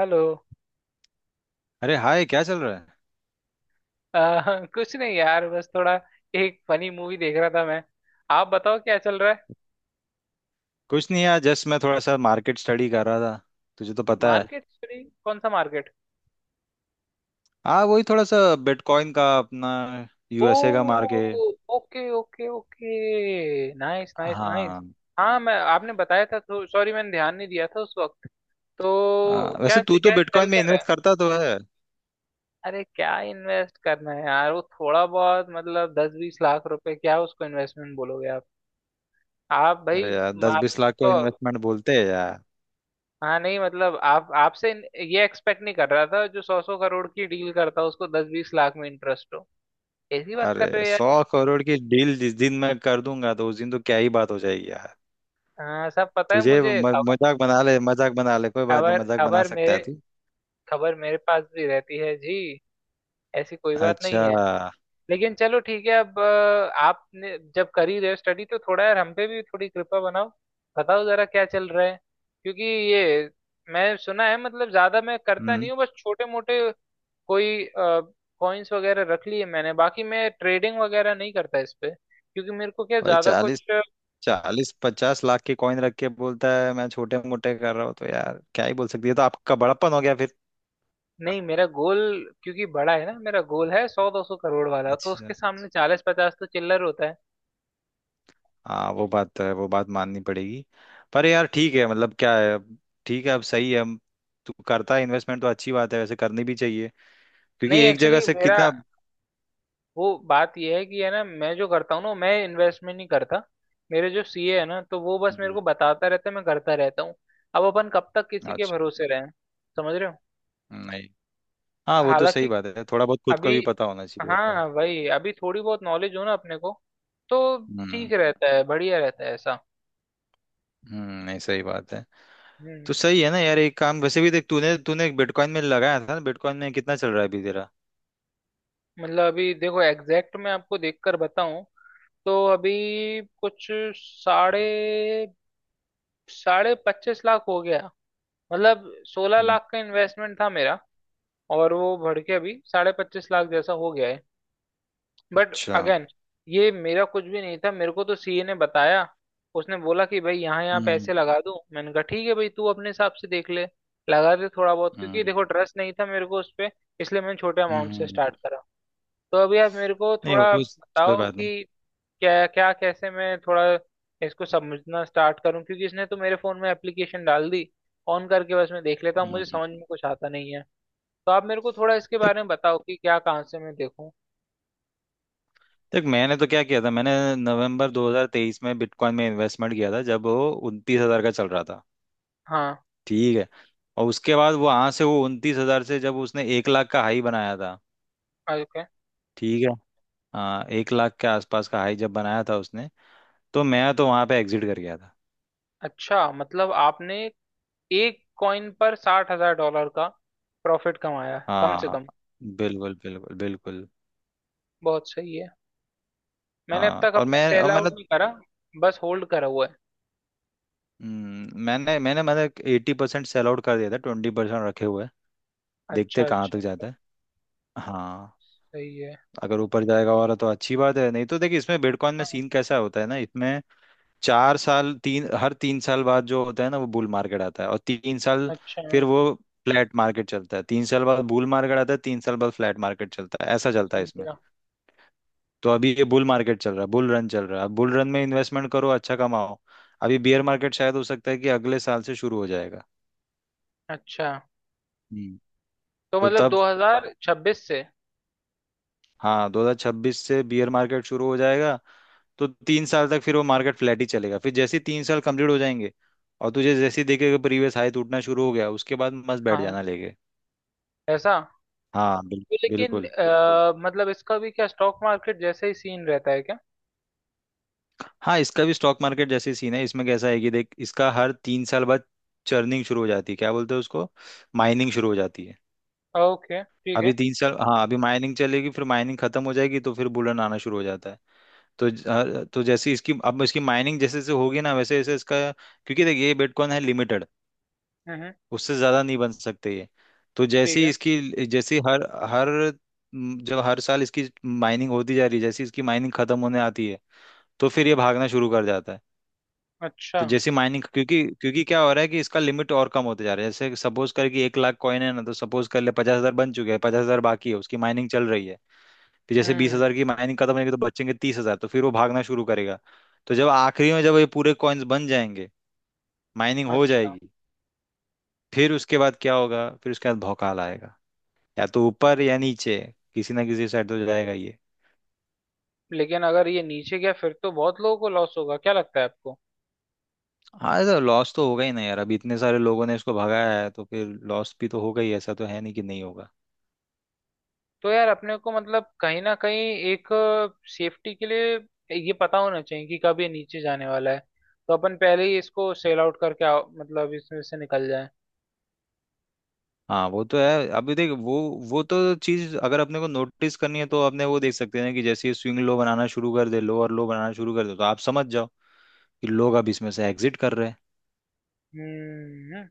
Hello. अरे hi, क्या चल रहा है? कुछ नहीं यार, बस थोड़ा एक फनी मूवी देख रहा था मैं। आप बताओ क्या चल रहा है। कुछ नहीं यार, जस्ट मैं थोड़ा सा मार्केट स्टडी कर रहा था। तुझे तो पता है। मार्केट सॉरी, कौन सा मार्केट। हाँ, वही थोड़ा सा बिटकॉइन का, अपना ओ, यूएसए का market. Okay okay okay, nice nice nice. हाँ। हाँ, मैं आपने बताया था तो सॉरी, मैंने ध्यान नहीं दिया था उस वक्त। तो क्या वैसे तू तो क्या चल बिटकॉइन में क्या रहा इन्वेस्ट है। करता तो है। अरे क्या इन्वेस्ट करना है यार, वो थोड़ा बहुत मतलब 10-20 लाख रुपए, क्या उसको इन्वेस्टमेंट बोलोगे आप। आप भाई। अरे यार, दस मार्केट बीस लाख को को। इन्वेस्टमेंट बोलते हैं यार। हाँ नहीं मतलब आप आपसे ये एक्सपेक्ट नहीं कर रहा था, जो सौ सौ करोड़ की डील करता हो उसको दस बीस लाख में इंटरेस्ट हो। ऐसी बात कर अरे रहे हो यार। 100 करोड़ की डील जिस दिन मैं कर दूंगा तो उस दिन तो क्या ही बात हो जाएगी यार। हाँ, सब पता है तुझे मुझे म, खबर। मजाक बना ले, मजाक बना ले, कोई बात नहीं, खबर मजाक बना खबर सकता है मेरे तू। खबर मेरे पास भी रहती है जी। ऐसी कोई बात नहीं अच्छा। है। लेकिन चलो ठीक है, अब आपने जब कर ही रहे हो स्टडी तो थोड़ा यार हम पे भी थोड़ी कृपा बनाओ। बताओ जरा क्या चल रहा है, क्योंकि ये मैं सुना है। मतलब ज्यादा मैं करता नहीं हम्म। हूँ, बस छोटे मोटे कोई कॉइन्स वगैरह रख लिए मैंने। बाकी मैं ट्रेडिंग वगैरह नहीं करता इस पे, क्योंकि मेरे को क्या भाई ज्यादा चालीस कुछ 40 50 लाख के कॉइन रख के बोलता है मैं छोटे मोटे कर रहा हूँ, तो यार क्या ही बोल सकती है। तो आपका बड़प्पन हो गया फिर। नहीं। मेरा गोल क्योंकि बड़ा है ना, मेरा गोल है सौ दो सौ करोड़ वाला, तो अच्छा। उसके सामने 40-50 तो चिल्लर होता है। हाँ, वो बात तो है, वो बात माननी पड़ेगी। पर यार ठीक है, मतलब क्या है अब। ठीक है, अब सही है। तू करता है इन्वेस्टमेंट तो अच्छी बात है, वैसे करनी भी चाहिए। क्योंकि नहीं एक जगह एक्चुअली, से मेरा कितना। वो बात यह है कि, है ना, मैं जो करता हूँ ना, मैं इन्वेस्टमेंट नहीं करता। मेरे जो सीए है ना, तो वो बस मेरे हम्म। को बताता रहता है, मैं करता रहता हूँ। अब अपन कब तक किसी के अच्छा। भरोसे रहें। समझ रहे हो। नहीं, हाँ वो तो सही हालांकि बात है, थोड़ा बहुत खुद को अभी, भी पता होना चाहिए होता है। हाँ वही, अभी थोड़ी बहुत नॉलेज हो ना अपने को, तो हम्म। ठीक रहता है, बढ़िया रहता है ऐसा। हम्म, नहीं सही बात है। हम्म। तो सही है ना यार, एक काम वैसे भी देख, तूने तूने बिटकॉइन में लगाया था ना, बिटकॉइन में कितना चल रहा है अभी तेरा? मतलब अभी देखो, एग्जैक्ट मैं आपको देखकर बताऊं, तो अभी कुछ साढ़े साढ़े पच्चीस लाख हो गया। मतलब 16 लाख का इन्वेस्टमेंट था मेरा, और वो बढ़ के अभी 25.5 लाख जैसा हो गया है। बट अच्छा। अगेन ये मेरा कुछ भी नहीं था, मेरे को तो सीए ने बताया। उसने बोला कि भाई, यहाँ यहाँ पैसे हम्म। लगा दूं। मैंने कहा ठीक है भाई, तू अपने हिसाब से देख ले, लगा दे थोड़ा बहुत, क्योंकि हम्म। देखो ट्रस्ट नहीं था मेरे को उस पे, इसलिए मैंने छोटे अमाउंट से हम्म, स्टार्ट करा। तो अभी आप मेरे को नहीं थोड़ा वो कोई बताओ बात नहीं। कि क्या क्या कैसे मैं थोड़ा इसको समझना स्टार्ट करूं, क्योंकि इसने तो मेरे फोन में एप्लीकेशन डाल दी, ऑन करके बस मैं देख लेता हूँ, मुझे हम्म। समझ में कुछ आता नहीं है। तो आप मेरे को थोड़ा इसके देख बारे में बताओ कि क्या कहाँ से मैं देखूँ। देख मैंने तो क्या किया था, मैंने नवंबर 2023 में बिटकॉइन में इन्वेस्टमेंट किया था जब वो 29 हज़ार का चल रहा था। हाँ। ठीक है। और उसके बाद वो वहां से, वो उनतीस हजार से जब उसने एक लाख का हाई बनाया था। ओके। ठीक है। हाँ, एक लाख के आसपास का हाई जब बनाया था उसने, तो मैं तो वहां पे एग्जिट कर गया था। अच्छा, मतलब आपने एक कॉइन पर 60,000 डॉलर का प्रॉफिट कमाया है, कम से हाँ, कम। बिल्कुल बिल्कुल बिल्कुल। बहुत सही है। मैंने अब हाँ, तक और अपने मैं और सेल मैंने आउट नहीं करा, बस होल्ड करा हुआ है। मैंने मैंने मतलब 80% सेल आउट कर दिया था, 20% रखे हुए हैं। देखते अच्छा, हैं कहाँ तक अच्छा। जाता है। हाँ, सही है। अगर ऊपर जाएगा और तो अच्छी बात है, नहीं तो देखिए, इसमें बिटकॉइन में हाँ, सीन कैसा होता है ना, इसमें चार साल तीन हर तीन साल बाद जो होता है ना, वो बुल मार्केट आता है, और तीन साल अच्छा फिर वो फ्लैट मार्केट चलता है, तीन साल बाद बुल मार्केट आता है, तीन साल बाद फ्लैट मार्केट चलता है, ऐसा चलता है इसमें। समझा। तो अभी ये बुल मार्केट चल रहा है, बुल रन चल रहा है। अब बुल रन में इन्वेस्टमेंट करो, अच्छा कमाओ। अभी बेयर मार्केट शायद हो सकता है कि अगले साल से शुरू हो जाएगा। अच्छा, हम्म। तो तो मतलब तब, 2026 से। हाँ 2026 से बियर मार्केट शुरू हो जाएगा। तो तीन साल तक फिर वो मार्केट फ्लैट ही चलेगा, फिर जैसे ही तीन साल कंप्लीट हो जाएंगे और तुझे जैसे ही देखेगा प्रीवियस हाई टूटना शुरू हो गया, उसके बाद मस्त बैठ हाँ। जाना लेके। ऐसा। हाँ तो लेकिन बिल्कुल। मतलब इसका भी क्या स्टॉक मार्केट जैसे ही सीन रहता है क्या। हाँ, इसका भी स्टॉक मार्केट जैसे सीन है। इसमें कैसा है कि देख, इसका हर तीन साल बाद चर्निंग शुरू हो जाती है, क्या बोलते हैं उसको, माइनिंग शुरू हो जाती है। ओके ठीक है। अभी तीन साल हाँ अभी माइनिंग चलेगी, फिर माइनिंग खत्म हो जाएगी तो फिर बुलन आना शुरू हो जाता है। तो तो जैसे इसकी माइनिंग जैसे जैसे होगी ना, वैसे वैसे इसका, क्योंकि देखिए ये बिटकॉइन है लिमिटेड, हम्म। उससे ज्यादा नहीं बन सकते ये। तो जैसे ठीक ही है। इसकी, जैसे हर हर म, जब हर साल इसकी माइनिंग होती जा रही है, जैसे ही इसकी माइनिंग खत्म होने आती है तो फिर ये भागना शुरू कर जाता है। अच्छा। तो जैसे माइनिंग, क्योंकि क्योंकि क्या हो रहा है कि इसका लिमिट और कम होते जा रहा है। जैसे सपोज कर कि एक लाख कॉइन है ना, तो सपोज कर ले 50 हज़ार बन चुके हैं, 50 हज़ार बाकी है, उसकी माइनिंग चल रही है। फिर जैसे बीस हम्म। हजार की माइनिंग खत्म होगी तो बचेंगे 30 हज़ार, तो फिर वो भागना शुरू करेगा। तो जब आखिरी में जब ये पूरे कॉइन्स बन जाएंगे, माइनिंग हो अच्छा। जाएगी, फिर उसके बाद क्या होगा, फिर उसके बाद भौकाल आएगा। या तो ऊपर या नीचे, किसी ना किसी साइड तो जाएगा ये। लेकिन अगर ये नीचे गया फिर तो बहुत लोगों को लॉस होगा, क्या लगता है आपको। हाँ तो लॉस तो होगा ही ना यार, अब इतने सारे लोगों ने इसको भगाया है तो फिर लॉस भी तो होगा ही, ऐसा तो है नहीं कि नहीं होगा। तो यार अपने को मतलब कहीं ना कहीं एक सेफ्टी के लिए ये पता होना चाहिए कि कब ये नीचे जाने वाला है, तो अपन पहले ही इसको सेल आउट करके मतलब इसमें से निकल जाए। हाँ वो तो है। अभी देख, वो तो चीज अगर अपने को नोटिस करनी है तो अपने वो देख सकते हैं कि जैसे ही स्विंग लो बनाना शुरू कर दे, लो और लो बनाना शुरू कर दे, तो आप समझ जाओ कि लोग अब इसमें से एग्जिट कर रहे हैं। हम्म।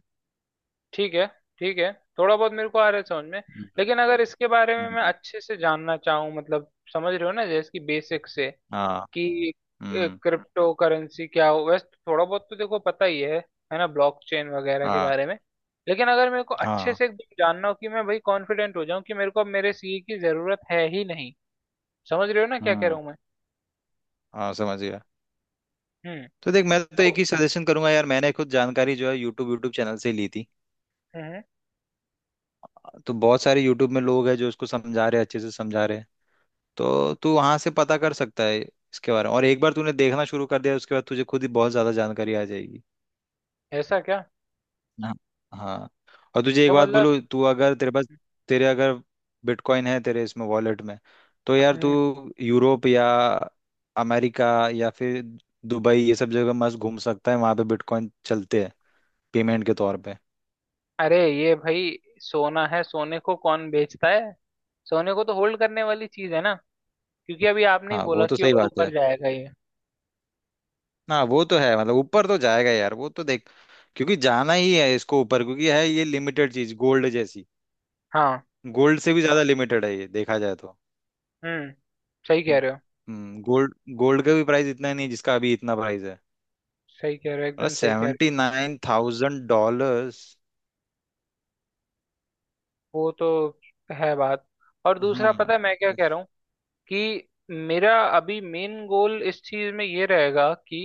ठीक है। ठीक है। थोड़ा बहुत मेरे को आ रहा है समझ में। हम्म। लेकिन अगर इसके बारे में मैं हम्म। अच्छे से जानना चाहूँ, मतलब समझ रहे हो ना, जैसे कि बेसिक से, हाँ। कि हम्म। क्रिप्टो करेंसी क्या हो। वैसे थोड़ा बहुत तो देखो पता ही है ना, ब्लॉकचेन वगैरह के हाँ। बारे में। लेकिन अगर मेरे को अच्छे हाँ। से एकदम जानना हो कि मैं भाई कॉन्फिडेंट हो जाऊं कि मेरे को अब मेरे सीए की जरूरत है ही नहीं, समझ रहे हो ना क्या कह रहा हम्म। हूं मैं। हाँ समझ गया। हम्म। तो देख, मैं तो तो। एक ही सजेशन करूंगा यार, मैंने खुद जानकारी जो है यूट्यूब यूट्यूब चैनल से ली थी। हम्म। तो बहुत सारे यूट्यूब में लोग हैं जो उसको समझा रहे हैं, अच्छे से समझा रहे हैं। तो तू वहां से पता कर सकता है इसके बारे में, और एक बार तूने देखना शुरू कर दिया उसके बाद तुझे खुद ही बहुत ज्यादा जानकारी आ जाएगी। ऐसा क्या। हाँ। हाँ। और तुझे एक तो बात मतलब। बोलूँ, तू अगर, तेरे पास, तेरे अगर बिटकॉइन है तेरे इसमें वॉलेट में, तो यार तू हम्म। यूरोप या अमेरिका या फिर दुबई ये सब जगह मस्त घूम सकता है, वहां पे बिटकॉ�इन चलते हैं पेमेंट के तौर पे। अरे ये भाई सोना है, सोने को कौन बेचता है। सोने को तो होल्ड करने वाली चीज है ना, क्योंकि अभी आपने ही हाँ वो बोला तो कि सही और बात है। ऊपर जाएगा ये। ना वो तो है, मतलब ऊपर तो जाएगा यार वो तो देख, क्योंकि जाना ही है इसको ऊपर, क्योंकि है ये लिमिटेड चीज, गोल्ड जैसी। हाँ। गोल्ड से भी ज्यादा लिमिटेड है ये देखा जाए तो। हम्म। सही कह रहे हो। हम्म, गोल्ड गोल्ड का भी प्राइस इतना नहीं है जिसका अभी इतना प्राइस है। सही कह रहे हो, मतलब एकदम सही कह रहे हो। $79,000। वो तो है बात। और दूसरा, हाँ। पता है मैं क्या कह रहा हूँ, कि मेरा अभी मेन गोल इस चीज में ये रहेगा कि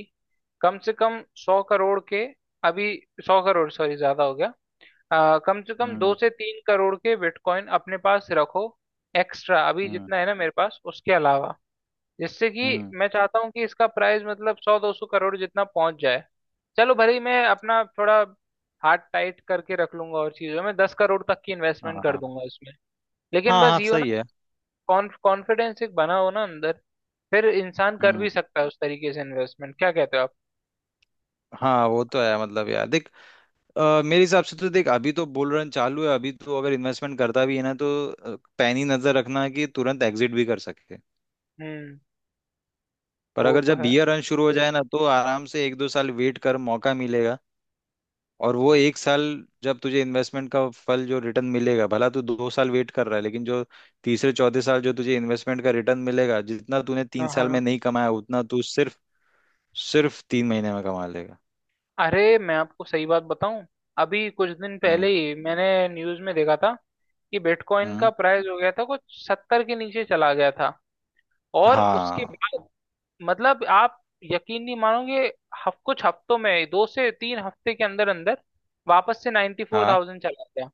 कम से कम 100 करोड़ के, अभी सौ करोड़, सॉरी ज्यादा हो गया। कम से कम दो हम्म। से तीन करोड़ के बिटकॉइन अपने पास रखो, एक्स्ट्रा अभी हम्म। जितना है ना मेरे पास उसके अलावा, जिससे कि हम्म। मैं चाहता हूँ कि इसका प्राइस मतलब सौ दो सौ करोड़ जितना पहुंच जाए। चलो भले ही मैं अपना थोड़ा हार्ट टाइट करके रख लूंगा और चीजों में 10 करोड़ तक की इन्वेस्टमेंट कर हाँ। दूंगा, हाँ। लेकिन बस हाँ ये हो सही ना, है। कॉन्फिडेंस एक बना हो ना अंदर, फिर इंसान कर हम्म। भी सकता है उस तरीके से इन्वेस्टमेंट, क्या कहते हो आप। हाँ वो तो है। मतलब यार देख, मेरे हिसाब से तो देख, अभी तो बुल रन चालू है, अभी तो अगर इन्वेस्टमेंट करता भी है ना तो पैनी नजर रखना कि तुरंत एग्जिट भी कर सके। हम्म। पर वो अगर तो जब है। बियर रन शुरू हो जाए ना, तो आराम से एक दो साल वेट कर, मौका मिलेगा। और वो एक साल, जब तुझे इन्वेस्टमेंट का फल जो रिटर्न मिलेगा, भला तू दो साल वेट कर रहा है लेकिन जो तीसरे चौथे साल जो तुझे इन्वेस्टमेंट का रिटर्न मिलेगा, जितना तूने हाँ, तीन साल में हाँ। नहीं कमाया उतना तू सिर्फ सिर्फ तीन महीने में कमा लेगा। अरे मैं आपको सही बात बताऊं, अभी कुछ दिन पहले हम्म। ही मैंने न्यूज में देखा था कि बिटकॉइन हम्म। का प्राइस हो गया था, कुछ सत्तर के नीचे चला गया था, और उसके हाँ बाद मतलब, आप यकीन नहीं मानोगे, हफ कुछ हफ्तों में, दो से तीन हफ्ते के अंदर अंदर वापस से नाइन्टी फोर हाँ, थाउजेंड चला गया।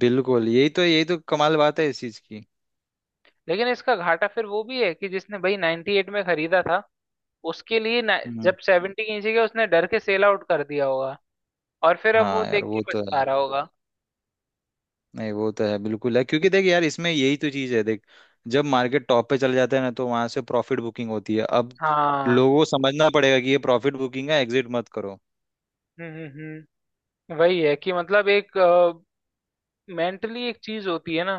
बिल्कुल, यही तो, यही तो कमाल बात है इस चीज की। लेकिन इसका घाटा फिर वो भी है कि जिसने भाई 98 में खरीदा था, उसके लिए हम्म। जब 70 की नीचे गया, उसने डर के सेल आउट कर दिया होगा, और फिर अब वो हाँ यार देख के वो तो पछता है, रहा होगा। नहीं वो तो है बिल्कुल है, क्योंकि देख यार इसमें यही तो चीज है देख, जब मार्केट टॉप पे चले जाते हैं ना तो वहां से प्रॉफिट बुकिंग होती है। अब हाँ। लोगों को समझना पड़ेगा कि ये प्रॉफिट बुकिंग है, एग्जिट मत करो। हम्म, हम्म, वही है कि मतलब, एक मेंटली एक चीज होती है ना,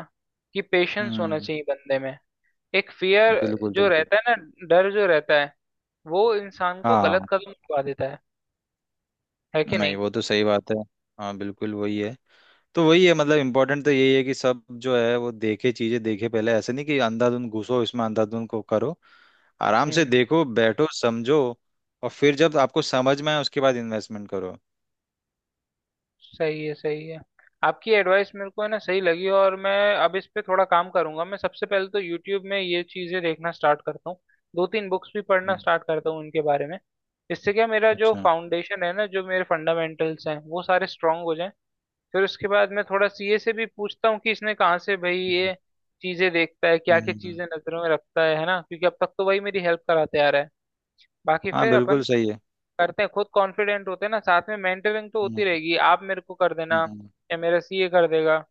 कि पेशेंस होना हम्म। चाहिए बंदे में। एक फियर बिल्कुल जो बिल्कुल। रहता है ना, डर जो रहता है, वो इंसान को गलत हाँ। कदम उठा देता है कि नहीं नहीं। वो तो सही बात है। हाँ बिल्कुल वही है। तो वही है, मतलब इम्पोर्टेंट तो यही है कि सब जो है वो देखे, चीजें देखे पहले, ऐसे नहीं कि अंधाधुंध घुसो इसमें, अंधाधुंध को करो। आराम से हम्म। देखो, बैठो, समझो, और फिर जब आपको समझ में आए उसके बाद इन्वेस्टमेंट करो। सही है, सही है। आपकी एडवाइस मेरे को है ना सही लगी, और मैं अब इस पे थोड़ा काम करूंगा। मैं सबसे पहले तो यूट्यूब में ये चीजें देखना स्टार्ट करता हूँ, दो तीन बुक्स भी पढ़ना स्टार्ट करता हूँ इनके बारे में, इससे क्या, मेरा जो अच्छा। फाउंडेशन है ना, जो मेरे फंडामेंटल्स हैं वो सारे स्ट्रांग हो जाएं। फिर उसके बाद मैं थोड़ा सीए से भी पूछता हूँ कि इसने कहाँ से भाई हम्म। ये चीजें देखता है, क्या क्या हम्म। चीजें नजरों में रखता है ना, क्योंकि अब तक तो वही मेरी हेल्प कराते आ रहा है। बाकी हाँ फिर अपन बिल्कुल सही है। करते हैं, खुद कॉन्फिडेंट होते हैं ना, साथ में मेंटरिंग तो हम्म। होती रहेगी, आप मेरे को कर देना, हम्म। या मेरा सीए कर देगा।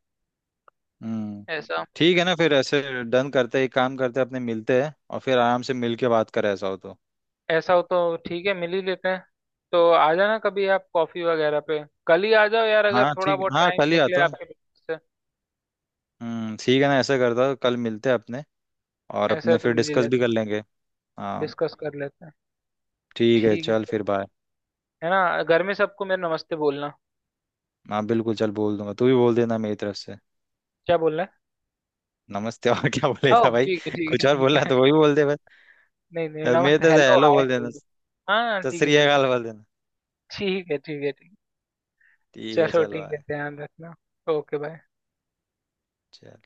हम्म। ऐसा। ठीक है ना, फिर ऐसे डन करते हैं, एक काम करते हैं, अपने मिलते हैं और फिर आराम से मिल के बात करें, ऐसा हो तो। ऐसा हो तो ठीक है, मिल ही लेते हैं। तो आ जाना कभी आप कॉफी वगैरह पे, कल ही आ जाओ यार अगर हाँ थोड़ा ठीक, बहुत हाँ टाइम कल ही निकले आता हूँ। आपके पास से। ठीक है ना, ऐसा करता हूँ, कल मिलते हैं अपने, और ऐसा है अपने तो फिर मिल ही डिस्कस भी लेते कर हैं, लेंगे। हाँ। डिस्कस कर लेते हैं। ठीक है, ठीक है चल फिर बाय। है ना, घर में सबको मेरा नमस्ते बोलना। हाँ बिल्कुल, चल बोल दूंगा, तू भी बोल देना मेरी तरफ से। क्या बोलना। नमस्ते और क्या है बोलेगा ओ, भाई, ठीक है, ठीक है, कुछ और ठीक बोलना है है। तो वही बोल दे बस। नहीं, नहीं, मेरी नमस्ते तरफ से हेलो हेलो हाय बोल देना। बोल दो। हाँ सत ठीक है, श्री बिल्कुल। अकाल बोल देना। ठीक है। ठीक है। ठीक है। ठीक है, चलो चल ठीक है, बाय। ध्यान रखना। Okay bye. चल।